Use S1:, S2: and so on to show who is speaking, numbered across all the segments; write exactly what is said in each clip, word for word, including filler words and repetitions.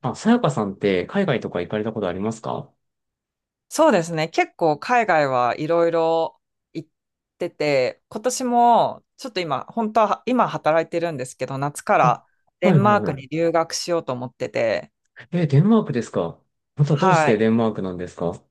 S1: あ、さやかさんって海外とか行かれたことありますか？
S2: そうですね。結構海外はいろいろ行ってて、今年もちょっと今、本当は今働いてるんですけど、夏か
S1: あ、
S2: らデ
S1: はい
S2: ン
S1: は
S2: マ
S1: い
S2: ー
S1: は
S2: ク
S1: い。
S2: に留学しようと思ってて、
S1: え、デンマークですか？またどうし
S2: は
S1: て
S2: い。
S1: デンマークなんですか？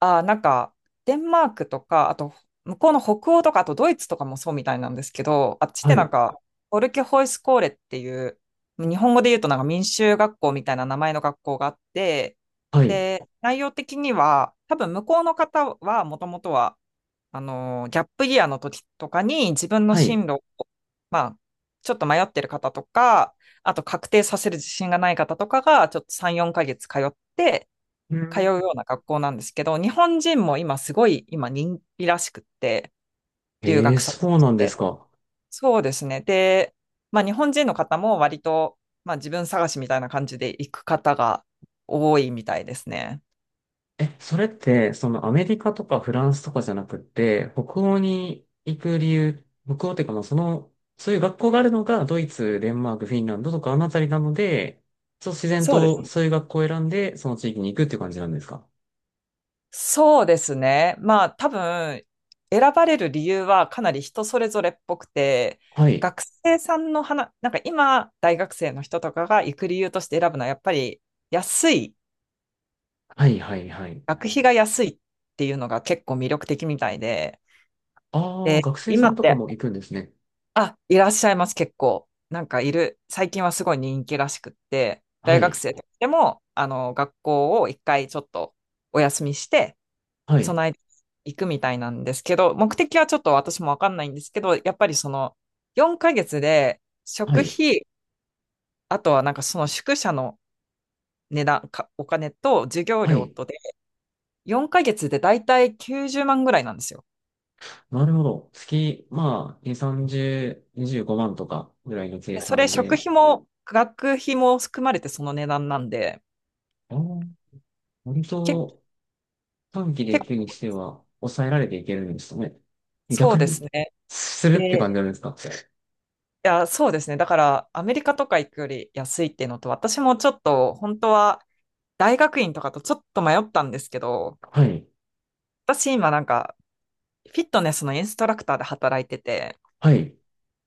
S2: あー、なんか、デンマークとか、あと、向こうの北欧とか、あとドイツとかもそうみたいなんですけど、あっちっ
S1: は
S2: てなん
S1: い、
S2: か、オルケホイスコーレっていう、日本語で言うとなんか民衆学校みたいな名前の学校があって、
S1: はい、
S2: で、内容的には、多分向こうの方はもともとは、あの、ギャップイヤーの時とかに自分の
S1: はい。
S2: 進路を、まあ、ちょっと迷ってる方とか、あと確定させる自信がない方とかが、ちょっとさん、よんかげつ通って、
S1: う
S2: 通う
S1: ん。
S2: ような学校なんですけど、日本人も今すごい、今人気らしくって、留
S1: えー、
S2: 学先と
S1: そう
S2: し
S1: なんです
S2: て。
S1: か。
S2: そうですね。で、まあ日本人の方も割と、まあ自分探しみたいな感じで行く方が多いみたいですね。
S1: え、それって、そのアメリカとかフランスとかじゃなくって、北欧に行く理由、北欧っていうかまあその、そういう学校があるのがドイツ、デンマーク、フィンランドとかあのあたりなので、そう自然
S2: そうで
S1: と
S2: す。
S1: そういう学校を選んで、その地域に行くっていう感じなんですか？
S2: そうですね。まあ多分選ばれる理由はかなり人それぞれっぽくて、
S1: はい、
S2: 学生さんの話、なんか今大学生の人とかが行く理由として選ぶのはやっぱり安い、
S1: はい、はい、はい。
S2: 学費が安いっていうのが結構魅力的みたいで、
S1: ああ、
S2: で、
S1: 学生さ
S2: 今
S1: ん
S2: っ
S1: とか
S2: て、
S1: も行くんですね。
S2: あ、いらっしゃいます結構。なんかいる、最近はすごい人気らしくって、
S1: は
S2: 大学
S1: い。
S2: 生でもあの学校を一回ちょっとお休みして、
S1: はい。
S2: 備え、行くみたいなんですけど、目的はちょっと私もわかんないんですけど、やっぱりそのよんかげつで
S1: は
S2: 食
S1: い。
S2: 費、あとはなんかその宿舎の値段、か、お金と授業
S1: は
S2: 料
S1: い。
S2: とで、よんかげつでだいたいきゅうじゅうまんぐらいなんですよ。
S1: なるほど。月、まあ、に、さんじゅう、にじゅうごまんとかぐらいの計
S2: でそれ
S1: 算
S2: 食
S1: で、
S2: 費も学費も含まれてその値段なんで、
S1: ああ、割
S2: け、
S1: と短期で
S2: 結
S1: 行
S2: 構
S1: くにしては抑えられていけるんですかね。
S2: そ
S1: 逆
S2: うです
S1: に、
S2: ね。
S1: するって感じなんですか。
S2: いや、そうですね。だからアメリカとか行くより安いっていうのと、私もちょっと本当は大学院とかとちょっと迷ったんですけど、
S1: はい。
S2: 私今なんかフィットネスのインストラクターで働いてて、
S1: はい。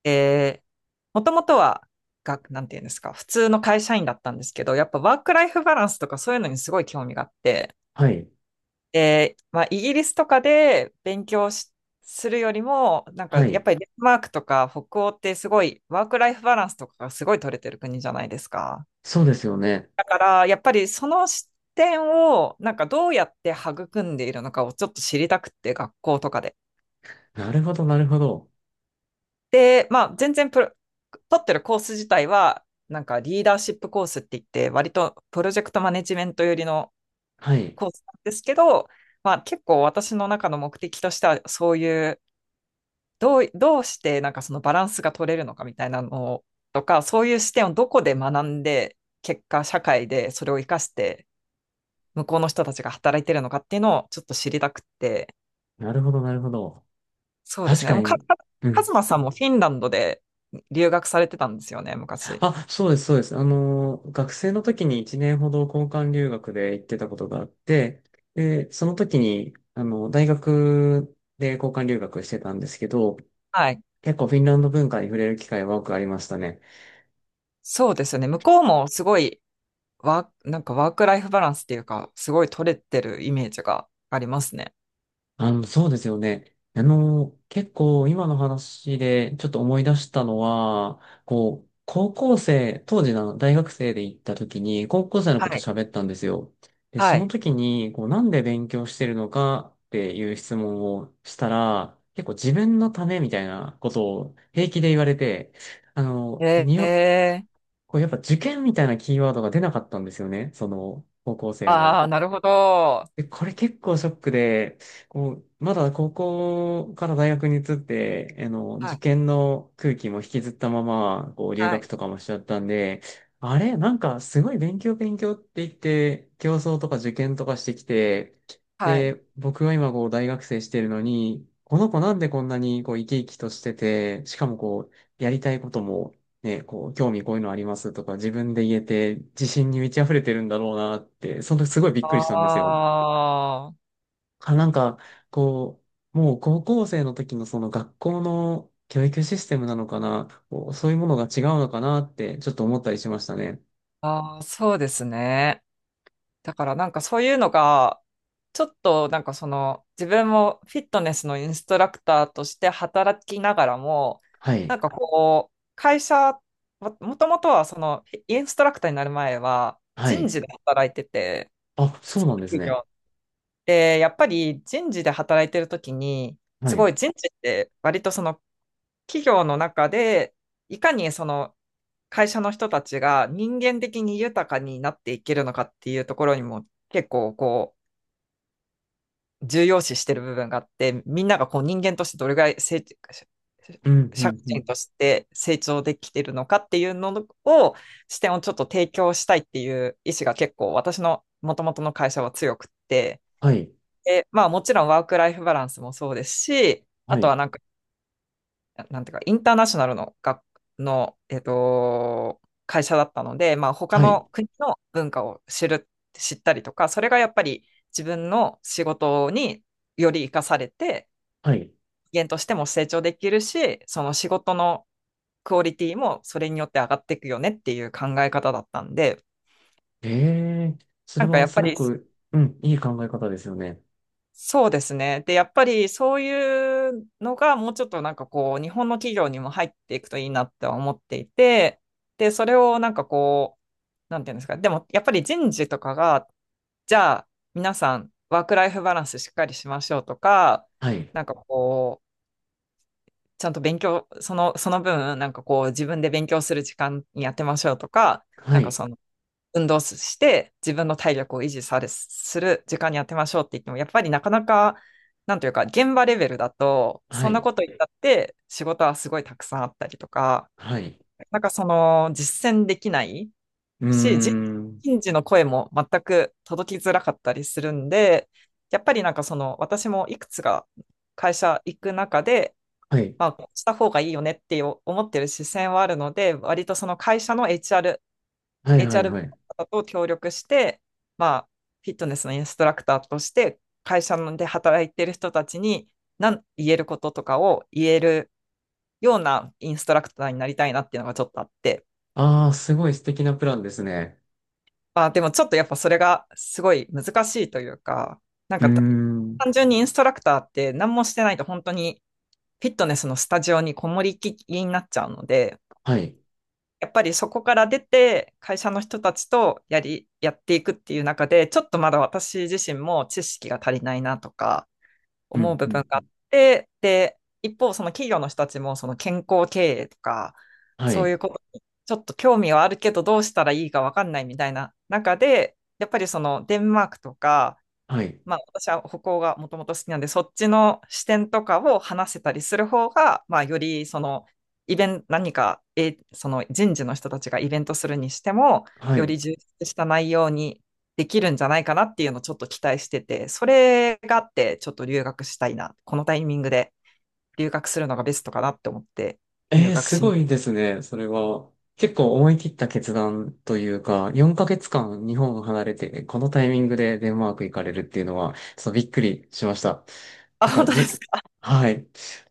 S2: えもともとは、が、なんていうんですか、普通の会社員だったんですけど、やっぱワークライフバランスとかそういうのにすごい興味があって、
S1: はい。
S2: で、まあ、イギリスとかで勉強し、するよりも、なん
S1: は
S2: かやっ
S1: い。
S2: ぱりデンマークとか北欧ってすごいワークライフバランスとかがすごい取れてる国じゃないですか。
S1: そうですよね。
S2: だからやっぱりその視点をなんかどうやって育んでいるのかをちょっと知りたくって学校とかで。
S1: なるほど、なるほど。
S2: で、まあ、全然プロ、取ってるコース自体は、なんかリーダーシップコースって言って、割とプロジェクトマネジメント寄りの
S1: はい。
S2: コースなんですけど、まあ、結構私の中の目的としては、そういう、どう、どうしてなんかそのバランスが取れるのかみたいなのとか、そういう視点をどこで学んで、結果社会でそれを活かして、向こうの人たちが働いてるのかっていうのをちょっと知りたくて、
S1: なるほど、なるほど。
S2: そうで
S1: 確
S2: すね。
S1: か
S2: もうか、
S1: に。
S2: か、
S1: う
S2: カ
S1: ん。
S2: ズマさんもフィンランドで留学されてたんですよね、昔。
S1: あ、そうです、そうです。あの、学生の時にいちねんほど交換留学で行ってたことがあって、で、その時に、あの、大学で交換留学してたんですけど、
S2: はい。
S1: 結構フィンランド文化に触れる機会は多くありましたね。
S2: そうですよね。向こうもすごいワー、なんかワークライフバランスっていうか、すごい取れてるイメージがありますね。
S1: あの、そうですよね。あの、結構今の話でちょっと思い出したのは、こう、高校生、当時の大学生で行った時に、高校生の
S2: は
S1: こと
S2: い。
S1: 喋ったんですよ。で、そ
S2: は
S1: の
S2: い。
S1: 時に、こう、なんで勉強してるのかっていう質問をしたら、結構自分のためみたいなことを平気で言われて、あの、
S2: え
S1: に
S2: え
S1: よ、
S2: ー、
S1: こう、やっぱ受験みたいなキーワードが出なかったんですよね。その、高校生の。
S2: ああー、なるほど。
S1: で、これ結構ショックで、こう、まだ高校から大学に移って、あの、
S2: は
S1: 受
S2: い。
S1: 験の空気も引きずったまま、こう、留
S2: は
S1: 学
S2: い。
S1: とかもしちゃったんで、あれ、なんかすごい勉強勉強って言って、競争とか受験とかしてきて、
S2: はい。
S1: で、僕は今こう、大学生してるのに、この子なんでこんなにこう、生き生きとしてて、しかもこう、やりたいことも、ね、こう、興味こういうのありますとか、自分で言えて、自信に満ち溢れてるんだろうなって、その時すごいびっくりしたんですよ。
S2: ああ、
S1: か、なんか、こう、もう高校生の時のその学校の教育システムなのかな、こうそういうものが違うのかなって、ちょっと思ったりしましたね。
S2: ああ、そうですね。だからなんかそういうのが、ちょっとなんかその自分もフィットネスのインストラクターとして働きながらも、
S1: は
S2: な
S1: い。
S2: んかこう、会社、ももともとはそのインストラクターになる前は
S1: は
S2: 人
S1: い。
S2: 事で働いてて、
S1: あ、
S2: 普
S1: そう
S2: 通
S1: な
S2: の
S1: んです
S2: 企
S1: ね。
S2: 業。で、やっぱり人事で働いてるときに、
S1: は
S2: す
S1: い。
S2: ごい人事って割とその企業の中で、いかにその会社の人たちが人間的に豊かになっていけるのかっていうところにも結構こう重要視してる部分があって、みんながこう人間としてどれぐらい成
S1: うん、う
S2: 社
S1: ん、
S2: 会
S1: うん。
S2: 人として成長できてるのかっていうのを視点をちょっと提供したいっていう意思が結構私のもともとの会社は強くって、
S1: はい。
S2: で、まあ、もちろんワークライフバランスもそうですし、あ
S1: は
S2: と
S1: い。
S2: はなんかなんていうか、インターナショナルの学、の、えっと、会社だったので、まあ、他
S1: はい。
S2: の国の文化を知る、知ったりとか、それがやっぱり自分の仕事により活かされて、
S1: はい。
S2: 人間としても成長できるし、その仕事のクオリティもそれによって上がっていくよねっていう考え方だったんで、
S1: ええ、それ
S2: なんか
S1: は
S2: やっ
S1: す
S2: ぱ
S1: ご
S2: り
S1: く、うん、いい考え方ですよね。
S2: そうですね。で、やっぱりそういうのがもうちょっとなんかこう、日本の企業にも入っていくといいなって思っていて、で、それをなんかこう、なんていうんですか、でもやっぱり人事とかが、じゃあ皆さんワークライフバランスしっかりしましょうとか、
S1: はい。
S2: なんかこう、ちゃんと勉強、その、その分、なんかこう、自分で勉強する時間にやってましょうとか、
S1: は
S2: なんか
S1: い。
S2: そ運動して自分の体力を維持されする時間に当てましょうって言っても、やっぱりなかなか、なんというか、現場レベルだと、
S1: は
S2: そんな
S1: い。
S2: こと言ったって仕事はすごいたくさんあったりとか、
S1: はい。
S2: なんかその実践できない
S1: うー
S2: し、人
S1: ん。
S2: 人事の声も全く届きづらかったりするんで、やっぱりなんかその私もいくつか会社行く中で、
S1: はい。
S2: まあ、こうした方がいいよねって思ってる視線はあるので、割とその会社の HR
S1: はい、はい、
S2: HR の
S1: はい。
S2: 方と協力して、まあ、フィットネスのインストラクターとして、会社で働いてる人たちに何言えることとかを言えるようなインストラクターになりたいなっていうのがちょっとあって、
S1: ああ、すごい素敵なプランですね。
S2: まあ、でもちょっとやっぱそれがすごい難しいというか、なん
S1: うー
S2: かた
S1: ん。
S2: 単純にインストラクターって何もしてないと本当にフィットネスのスタジオにこもりきりになっちゃうので、
S1: はい。
S2: やっぱりそこから出て会社の人たちとやり、やっていくっていう中で、ちょっとまだ私自身も知識が足りないなとか
S1: う
S2: 思う
S1: ん、
S2: 部
S1: うん、
S2: 分
S1: う
S2: があ
S1: ん。
S2: って、で、一方その企業の人たちもその健康経営とか、
S1: は
S2: そうい
S1: い、
S2: うことにちょっと興味はあるけどどうしたらいいかわかんないみたいな中で、やっぱりそのデンマークとか、
S1: はい、
S2: まあ、私は歩行がもともと好きなんで、そっちの視点とかを話せたりする方が、まあ、よりそのイベント、何か、え、その人事の人たちがイベントするにしても、
S1: は
S2: よ
S1: い。
S2: り充実した内容にできるんじゃないかなっていうのをちょっと期待してて、それがあって、ちょっと留学したいな、このタイミングで留学するのがベストかなって思って、留
S1: ええ、
S2: 学
S1: す
S2: しに。
S1: ごいですね、それは。結構思い切った決断というか、よんかげつかん日本を離れて、このタイミングでデンマーク行かれるっていうのは、ちょっとびっくりしました。
S2: あ、
S1: てか、
S2: 本当です
S1: じ、
S2: か。
S1: はい。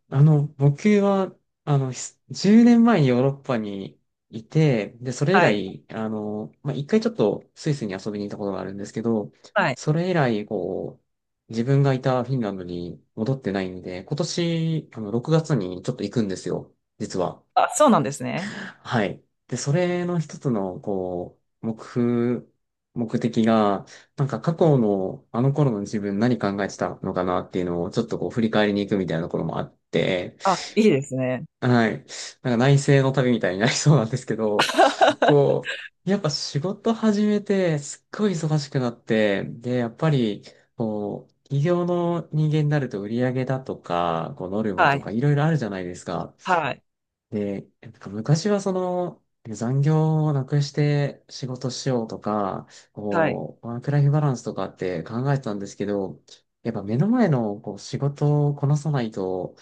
S1: あの、僕は、あの、ひじゅうねんまえにヨーロッパにいて、で、それ以
S2: はい。
S1: 来、あの、まあ、一回ちょっとスイスに遊びに行ったことがあるんですけど、
S2: はい。
S1: それ以来、こう、自分がいたフィンランドに戻ってないんで、今年、あの、ろくがつにちょっと行くんですよ。実は。
S2: あ、そうなんですね。
S1: はい。で、それの一つの、こう、目標、目的が、なんか過去の、あの頃の自分何考えてたのかなっていうのを、ちょっとこう、振り返りに行くみたいなところもあって、
S2: あ、いいですね。
S1: はい。なんか内省の旅みたいになりそうなんですけど、こう、やっぱ仕事始めて、すっごい忙しくなって、で、やっぱり、こう、企業の人間になると売り上げだとか、こう、ノルマ
S2: は
S1: とか
S2: い。
S1: いろいろあるじゃないですか。
S2: はい。
S1: で、なんか昔はその、残業をなくして仕事しようとか、
S2: はい。
S1: こう、ワークライフバランスとかって考えてたんですけど、やっぱ目の前のこう仕事をこなさないと、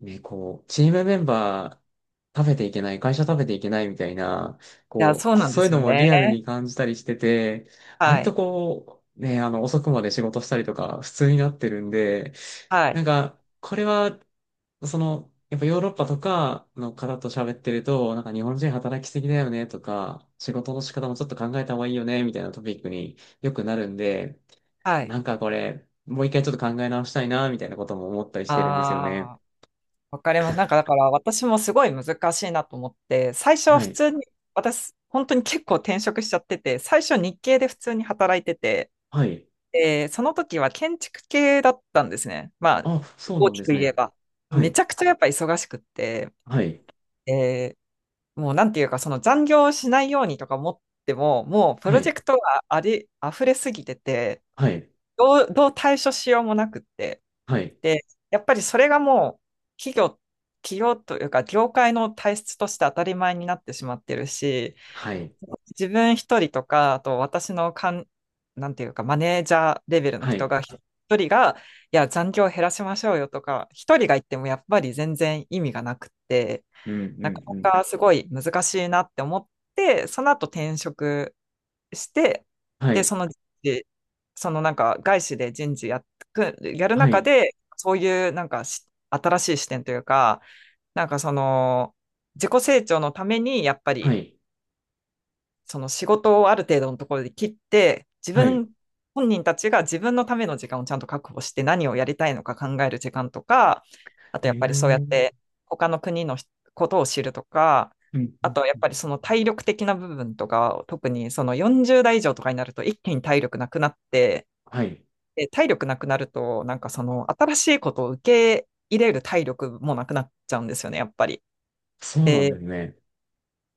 S1: ね、こう、チームメンバー食べていけない、会社食べていけないみたいな、
S2: や、
S1: こ
S2: そう
S1: う、
S2: なんで
S1: そういう
S2: す
S1: の
S2: よ
S1: もリアルに
S2: ね。
S1: 感じたりしてて、
S2: は
S1: 割と
S2: い。
S1: こう、ね、あの、遅くまで仕事したりとか、普通になってるんで、
S2: は
S1: なん
S2: い。
S1: か、これはその、やっぱヨーロッパとかの方と喋ってると、なんか日本人働きすぎだよねとか、仕事の仕方もちょっと考えた方がいいよねみたいなトピックによくなるんで、
S2: はい。
S1: なんかこれ、もう一回ちょっと考え直したいなみたいなことも思ったりしてるんですよね。
S2: ああ、わかります。なんか、だから、私もすごい難しいなと思って、最初は
S1: は
S2: 普
S1: い。
S2: 通に、私、本当に結構転職しちゃってて、最初日系で普通に働いてて、
S1: はい。
S2: で、その時は建築系だったんですね。まあ、
S1: あ、そう
S2: 大
S1: なん
S2: き
S1: で
S2: く
S1: す
S2: 言え
S1: ね。
S2: ば。
S1: は
S2: めち
S1: い。
S2: ゃくちゃやっぱ忙しくって、
S1: はい。
S2: で、もうなんていうか、その残業しないようにとか思っても、もうプ
S1: は
S2: ロジェ
S1: い。
S2: クトがあり、溢れすぎてて、
S1: はい。
S2: どう、どう対処しようもなくって。
S1: はい。
S2: で、やっぱりそれがもう企業、企業というか業界の体質として当たり前になってしまってるし、
S1: はい。
S2: 自分一人とか、あと私のかん、なんていうかマネージャーレベルの
S1: は
S2: 人
S1: い。
S2: が一人が、いや、残業減らしましょうよとか、一人が言ってもやっぱり全然意味がなくって、
S1: うん、う
S2: なか
S1: ん、う
S2: な
S1: ん。
S2: かすごい難しいなって思って、その後転職して、
S1: は
S2: で、
S1: い。
S2: その人事、そのなんか外資で人事やっく、やる
S1: は
S2: 中
S1: い。
S2: で、そういうなんかし新しい視点というか、なんかその自己成長のためにやっぱ
S1: は
S2: り
S1: い。
S2: その仕事をある程度のところで切って、自
S1: はい。
S2: 分本人たちが自分のための時間をちゃんと確保して何をやりたいのか考える時間とか、あと
S1: え
S2: やっぱり
S1: ー。
S2: そうやっ
S1: うん、
S2: て他の国のことを知るとか、
S1: うん。
S2: あとやっぱりその体力的な部分とか、特にそのよんじゅう代以上とかになると一気に体力なくなって、
S1: はい。
S2: で体力なくなると、なんかその新しいことを受け入れる体力もなくなっちゃうんですよね、やっぱり。
S1: そうなん
S2: で、
S1: ですね。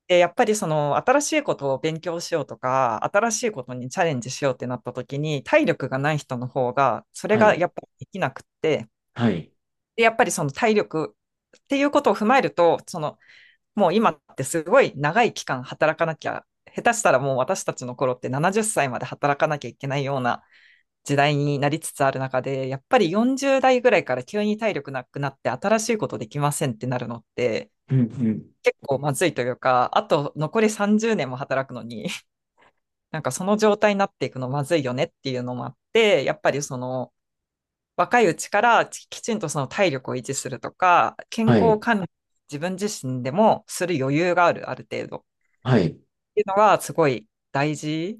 S2: で、やっぱりその新しいことを勉強しようとか、新しいことにチャレンジしようってなった時に、体力がない人の方が、それ
S1: は
S2: が
S1: い。
S2: やっぱりできなくって、
S1: はい。
S2: で、やっぱりその体力っていうことを踏まえると、その、もう今ってすごい長い期間働かなきゃ、下手したらもう私たちの頃ってななじゅっさいまで働かなきゃいけないような時代になりつつある中で、やっぱりよんじゅう代ぐらいから急に体力なくなって新しいことできませんってなるのって、
S1: うんうん。
S2: 結構まずいというか、あと残りさんじゅうねんも働くのに、なんかその状態になっていくのまずいよねっていうのもあって、やっぱりその若いうちからききちんとその体力を維持するとか、健
S1: は
S2: 康
S1: い。
S2: 管理自分自身でもする余裕がある、ある程度っ
S1: はい。
S2: ていうのがすごい大事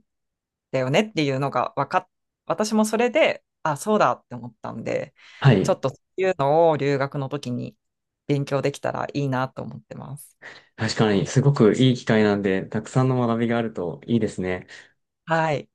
S2: だよねっていうのが分かっ、私もそれで、あ、そうだって思ったんで、
S1: は
S2: ちょ
S1: い。
S2: っとそういうのを留学の時に勉強できたらいいなと思ってます。
S1: 確かに、すごくいい機会なんで、たくさんの学びがあるといいですね。
S2: はい。